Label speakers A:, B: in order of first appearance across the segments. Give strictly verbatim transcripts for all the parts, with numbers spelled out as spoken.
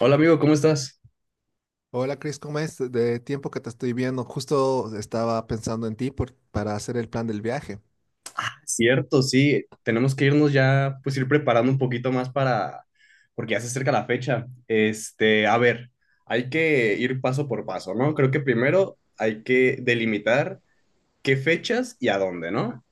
A: Hola amigo, ¿cómo estás?
B: Hola Chris, ¿cómo es? De tiempo que te estoy viendo, justo estaba pensando en ti por- para hacer el plan del viaje.
A: Cierto, sí, tenemos que irnos ya, pues ir preparando un poquito más para, porque ya se acerca la fecha. Este, a ver, hay que ir paso por paso, ¿no? Creo que primero hay que delimitar qué fechas y a dónde, ¿no?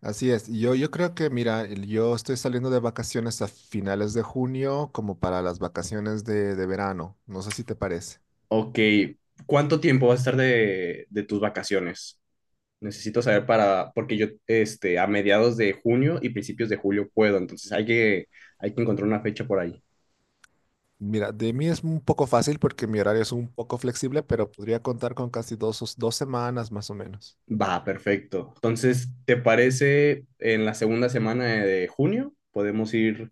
B: Así es, yo, yo creo que, mira, el- yo estoy saliendo de vacaciones a finales de junio como para las vacaciones de, de verano, no sé si te parece.
A: Ok, ¿cuánto tiempo va a estar de, de tus vacaciones? Necesito saber para, porque yo, este, a mediados de junio y principios de julio puedo, entonces hay que, hay que encontrar una fecha por ahí.
B: Mira, de mí es un poco fácil porque mi horario es un poco flexible, pero podría contar con casi dos, dos semanas más o menos.
A: Va, perfecto. Entonces, ¿te parece en la segunda semana de junio? Podemos ir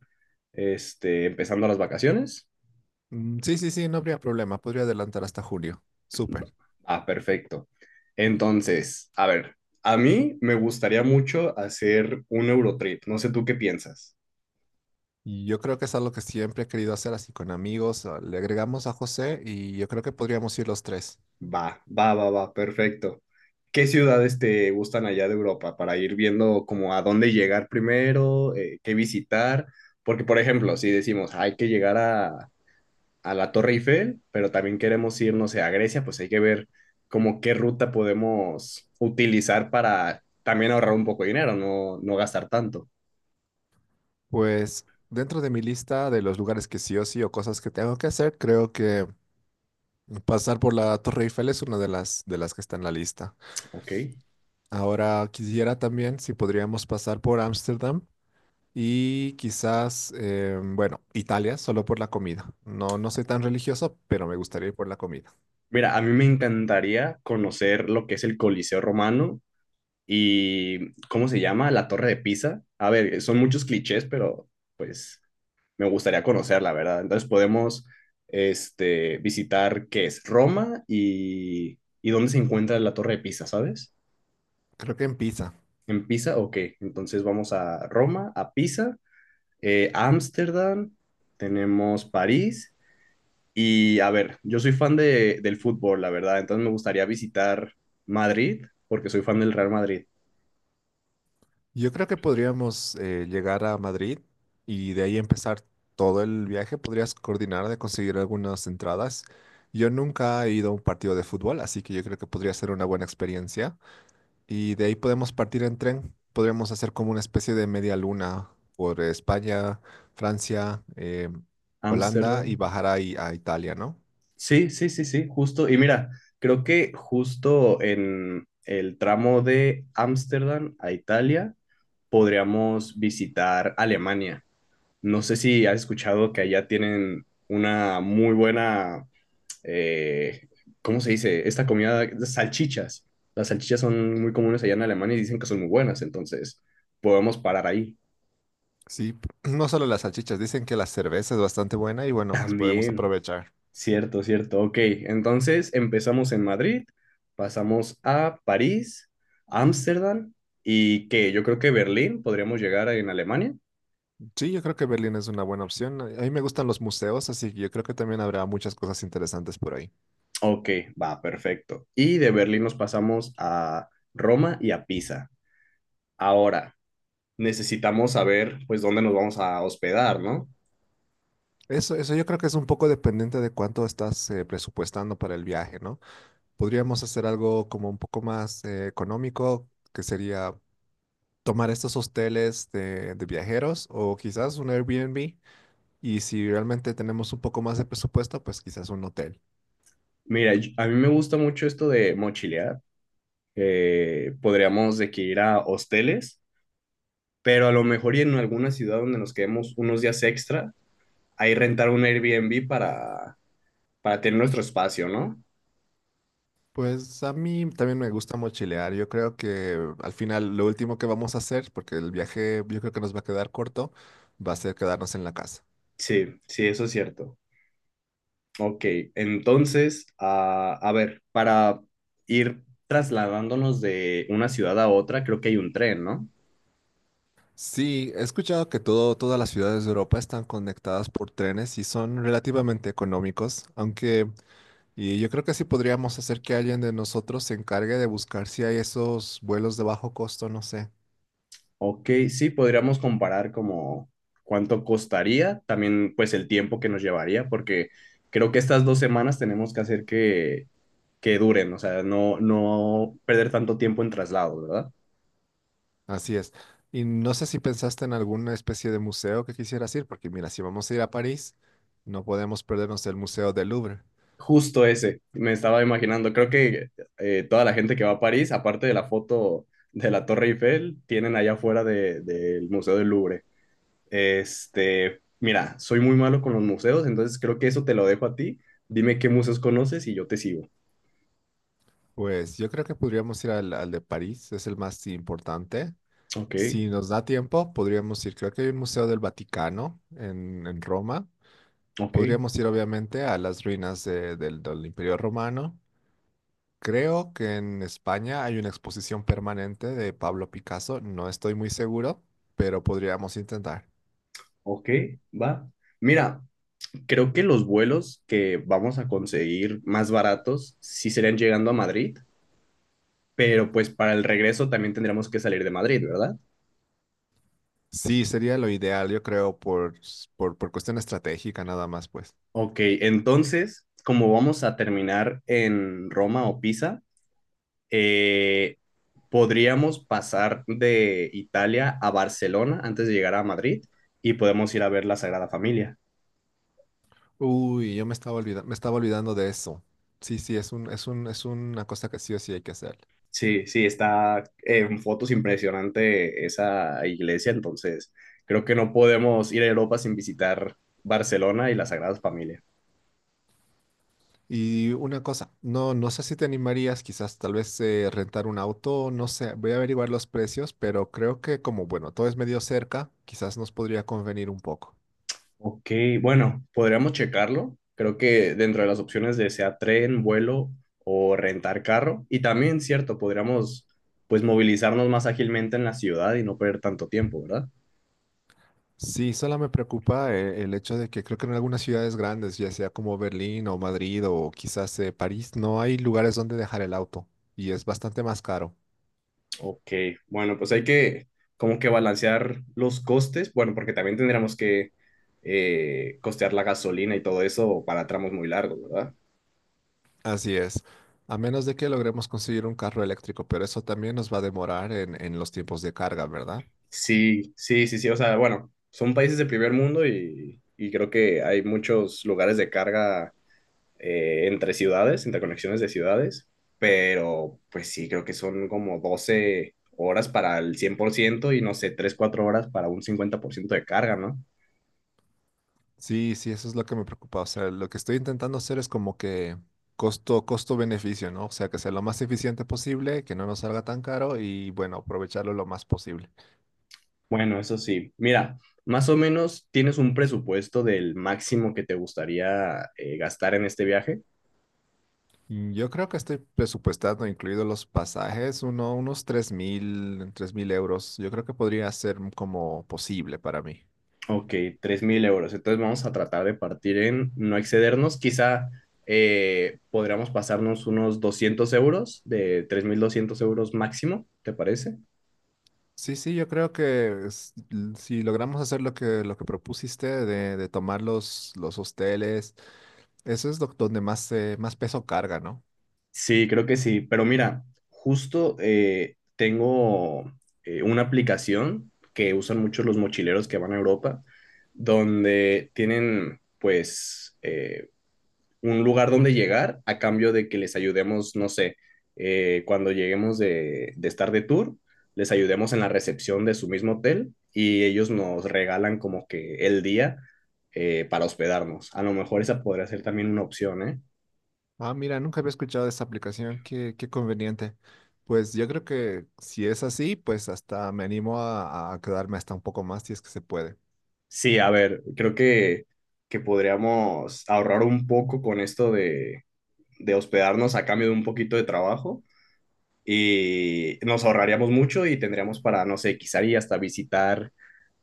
A: este, empezando las vacaciones.
B: Mm, sí, sí, sí, no habría problema, podría adelantar hasta julio. Súper.
A: Ah, perfecto. Entonces, a ver, a mí me gustaría mucho hacer un Eurotrip. No sé tú qué piensas.
B: Y yo creo que es algo que siempre he querido hacer así con amigos. ah, Le agregamos a José y yo creo que podríamos ir los tres.
A: Va, va, va, va, perfecto. ¿Qué ciudades te gustan allá de Europa para ir viendo como a dónde llegar primero, eh, qué visitar? Porque, por ejemplo, si decimos, hay que llegar a, a la Torre Eiffel, pero también queremos ir, no sé, a Grecia, pues hay que ver como qué ruta podemos utilizar para también ahorrar un poco de dinero, no, no gastar tanto.
B: Pues dentro de mi lista de los lugares que sí o sí o cosas que tengo que hacer, creo que pasar por la Torre Eiffel es una de las de las que está en la lista.
A: Ok.
B: Ahora quisiera también si podríamos pasar por Ámsterdam y quizás eh, bueno, Italia solo por la comida. No no soy tan religioso, pero me gustaría ir por la comida.
A: Mira, a mí me encantaría conocer lo que es el Coliseo Romano y, ¿cómo se llama? La Torre de Pisa. A ver, son muchos clichés, pero pues me gustaría conocerla, ¿verdad? Entonces podemos este, visitar qué es Roma y, y dónde se encuentra la Torre de Pisa, ¿sabes?
B: Creo que en Pisa.
A: ¿En Pisa? Ok, entonces vamos a Roma, a Pisa, eh, Ámsterdam, tenemos París y a ver, yo soy fan de, del fútbol, la verdad, entonces me gustaría visitar Madrid porque soy fan del Real Madrid.
B: Yo creo que podríamos eh, llegar a Madrid y de ahí empezar todo el viaje. Podrías coordinar de conseguir algunas entradas. Yo nunca he ido a un partido de fútbol, así que yo creo que podría ser una buena experiencia. Y de ahí podemos partir en tren. Podríamos hacer como una especie de media luna por España, Francia, eh, Holanda y
A: Ámsterdam.
B: bajar ahí a Italia, ¿no?
A: Sí, sí, sí, sí, justo. Y mira, creo que justo en el tramo de Ámsterdam a Italia podríamos visitar Alemania. No sé si has escuchado que allá tienen una muy buena eh, ¿cómo se dice? Esta comida, las salchichas. Las salchichas son muy comunes allá en Alemania y dicen que son muy buenas, entonces podemos parar ahí.
B: Sí, no solo las salchichas, dicen que la cerveza es bastante buena y bueno, pues podemos
A: También,
B: aprovechar.
A: cierto, cierto. Ok, entonces empezamos en Madrid, pasamos a París, Ámsterdam y que yo creo que Berlín podríamos llegar en Alemania.
B: Sí, yo creo que Berlín es una buena opción. A a mí me gustan los museos, así que yo creo que también habrá muchas cosas interesantes por ahí.
A: Ok, va, perfecto. Y de Berlín nos pasamos a Roma y a Pisa. Ahora, necesitamos saber pues dónde nos vamos a hospedar, ¿no?
B: Eso, eso yo creo que es un poco dependiente de cuánto estás eh, presupuestando para el viaje, ¿no? Podríamos hacer algo como un poco más eh, económico, que sería tomar estos hosteles de, de viajeros o quizás un Airbnb. Y si realmente tenemos un poco más de presupuesto, pues quizás un hotel.
A: Mira, yo- a mí me gusta mucho esto de mochilear. Eh, podríamos de que ir a hosteles, pero a lo mejor y en alguna ciudad donde nos quedemos unos días extra, ahí rentar un Airbnb para, para tener nuestro espacio, ¿no?
B: Pues a mí también me gusta mochilear. Yo creo que al final lo último que vamos a hacer, porque el viaje yo creo que nos va a quedar corto, va a ser quedarnos en la casa.
A: Sí, sí, eso es cierto. Ok, entonces, ah, a ver, para ir trasladándonos de una ciudad a otra, creo que hay un tren, ¿no?
B: Sí, he escuchado que todo, todas las ciudades de Europa están conectadas por trenes y son relativamente económicos, aunque y yo creo que sí podríamos hacer que alguien de nosotros se encargue de buscar si hay esos vuelos de bajo costo, no sé.
A: Ok, sí, podríamos comparar como cuánto costaría, también pues el tiempo que nos llevaría, porque creo que estas dos semanas tenemos que hacer que, que duren, o sea, no, no perder tanto tiempo en traslado, ¿verdad?
B: Así es. Y no sé si pensaste en alguna especie de museo que quisieras ir, porque mira, si vamos a ir a París, no podemos perdernos el Museo del Louvre.
A: Justo ese, me estaba imaginando, creo que eh, toda la gente que va a París, aparte de la foto de la Torre Eiffel, tienen allá afuera de- del Museo del Louvre. Este, mira, soy muy malo con los museos, entonces creo que eso te lo dejo a ti. Dime qué museos conoces y yo te sigo.
B: Pues yo creo que podríamos ir al, al de París, es el más importante.
A: Ok,
B: Si nos da tiempo, podríamos ir, creo que hay un Museo del Vaticano en, en Roma.
A: ok,
B: Podríamos ir obviamente a las ruinas de- del, del Imperio Romano. Creo que en España hay una exposición permanente de Pablo Picasso, no estoy muy seguro, pero podríamos intentar.
A: ok, va. Mira, creo que los vuelos que vamos a conseguir más baratos sí serían llegando a Madrid, pero pues para el regreso también tendríamos que salir de Madrid, ¿verdad?
B: Sí, sería lo ideal, yo creo, por, s- por, por cuestión estratégica nada más, pues.
A: Ok, entonces, como vamos a terminar en Roma o Pisa, eh, podríamos pasar de Italia a Barcelona antes de llegar a Madrid y podemos ir a ver la Sagrada Familia.
B: Uy, yo me estaba olvidando, me estaba olvidando de eso. Sí, sí, es un, es un, es una cosa que sí o sí hay que hacer.
A: Sí, sí, está en fotos impresionante esa iglesia, entonces creo que no podemos ir a Europa sin visitar Barcelona y la Sagrada Familia.
B: Y una cosa, no, no sé si te animarías, quizás tal vez eh, rentar un auto, no sé, voy a averiguar los precios, pero creo que como, bueno, todo es medio cerca, quizás nos podría convenir un poco.
A: Ok, bueno, podríamos checarlo. Creo que dentro de las opciones de sea tren, vuelo o rentar carro, y también, cierto, podríamos pues movilizarnos más ágilmente en la ciudad y no perder tanto tiempo, ¿verdad?
B: Sí, solo me preocupa eh, el hecho de que creo que en algunas ciudades grandes, ya sea como Berlín o Madrid o quizás eh, París, no hay lugares donde dejar el auto y es bastante más caro.
A: Ok, bueno, pues hay que como que balancear los costes, bueno, porque también tendríamos que eh, costear la gasolina y todo eso para tramos muy largos, ¿verdad?
B: Así es, a menos de que logremos conseguir un carro eléctrico, pero eso también nos va a demorar en, en los tiempos de carga, ¿verdad?
A: Sí, sí, sí, sí, o sea, bueno, son países de primer mundo y, y creo que hay muchos lugares de carga eh, entre ciudades, interconexiones de ciudades, pero pues sí, creo que son como doce horas para el cien por ciento y no sé, tres cuatro horas para un cincuenta por ciento de carga, ¿no?
B: Sí, sí, eso es lo que me preocupa. O sea, lo que estoy intentando hacer es como que costo, costo-beneficio, ¿no? O sea, que sea lo más eficiente posible, que no nos salga tan caro y bueno, aprovecharlo lo más posible.
A: Bueno, eso sí. Mira, más o menos tienes un presupuesto del máximo que te gustaría eh, gastar en este viaje.
B: Mm, Yo creo que estoy presupuestando, incluidos los pasajes, uno, unos tres mil, tres mil euros. Yo creo que podría ser como posible para mí.
A: Ok, tres mil euros. Entonces vamos a tratar de partir en no excedernos. Quizá eh, podríamos pasarnos unos doscientos euros, de tres mil doscientos euros máximo, ¿te parece?
B: Sí, sí, yo creo que s- l- si logramos hacer lo que, lo que propusiste de, de tomar los, los hosteles, eso es lo- donde más, eh, más peso carga, ¿no?
A: Sí, creo que sí. Pero mira, justo eh, tengo eh, una aplicación que usan mucho los mochileros que van a Europa, donde tienen pues eh, un lugar donde llegar a cambio de que les ayudemos, no sé, eh, cuando lleguemos de, de estar de tour, les ayudemos en la recepción de su mismo hotel y ellos nos regalan como que el día eh, para hospedarnos. A lo mejor esa podría ser también una opción, ¿eh?
B: Ah, mira, nunca había escuchado de esta aplicación, qué, qué conveniente. Pues yo creo que si es así, pues hasta me animo a, a quedarme hasta un poco más si es que se puede.
A: Sí, a ver, creo que, que podríamos ahorrar un poco con esto de, de hospedarnos a cambio de un poquito de trabajo y nos ahorraríamos mucho y tendríamos para, no sé, quizá y hasta visitar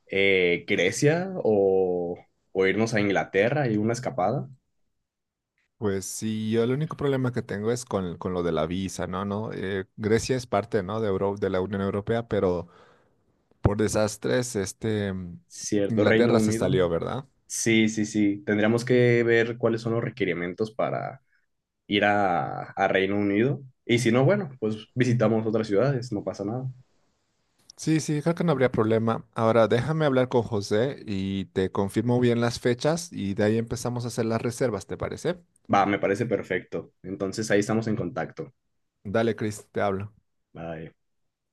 A: eh, Grecia o, o irnos a Inglaterra y una escapada,
B: Pues sí, yo el único problema que tengo es con, con lo de la visa, ¿no? ¿No? Eh, Grecia es parte, ¿no? De Euro- de la Unión Europea, pero por desastres, este, mm,
A: ¿cierto? Reino
B: Inglaterra se
A: Unido.
B: salió, ¿verdad?
A: Sí, sí, sí. Tendríamos que ver cuáles son los requerimientos para ir a, a, Reino Unido. Y si no, bueno, pues visitamos otras ciudades, no pasa nada.
B: Sí, sí, creo que no habría problema. Ahora déjame hablar con José y te confirmo bien las fechas y de ahí empezamos a hacer las reservas, ¿te parece?
A: Va, me parece perfecto. Entonces ahí estamos en contacto.
B: Dale, Chris, te hablo.
A: Bye.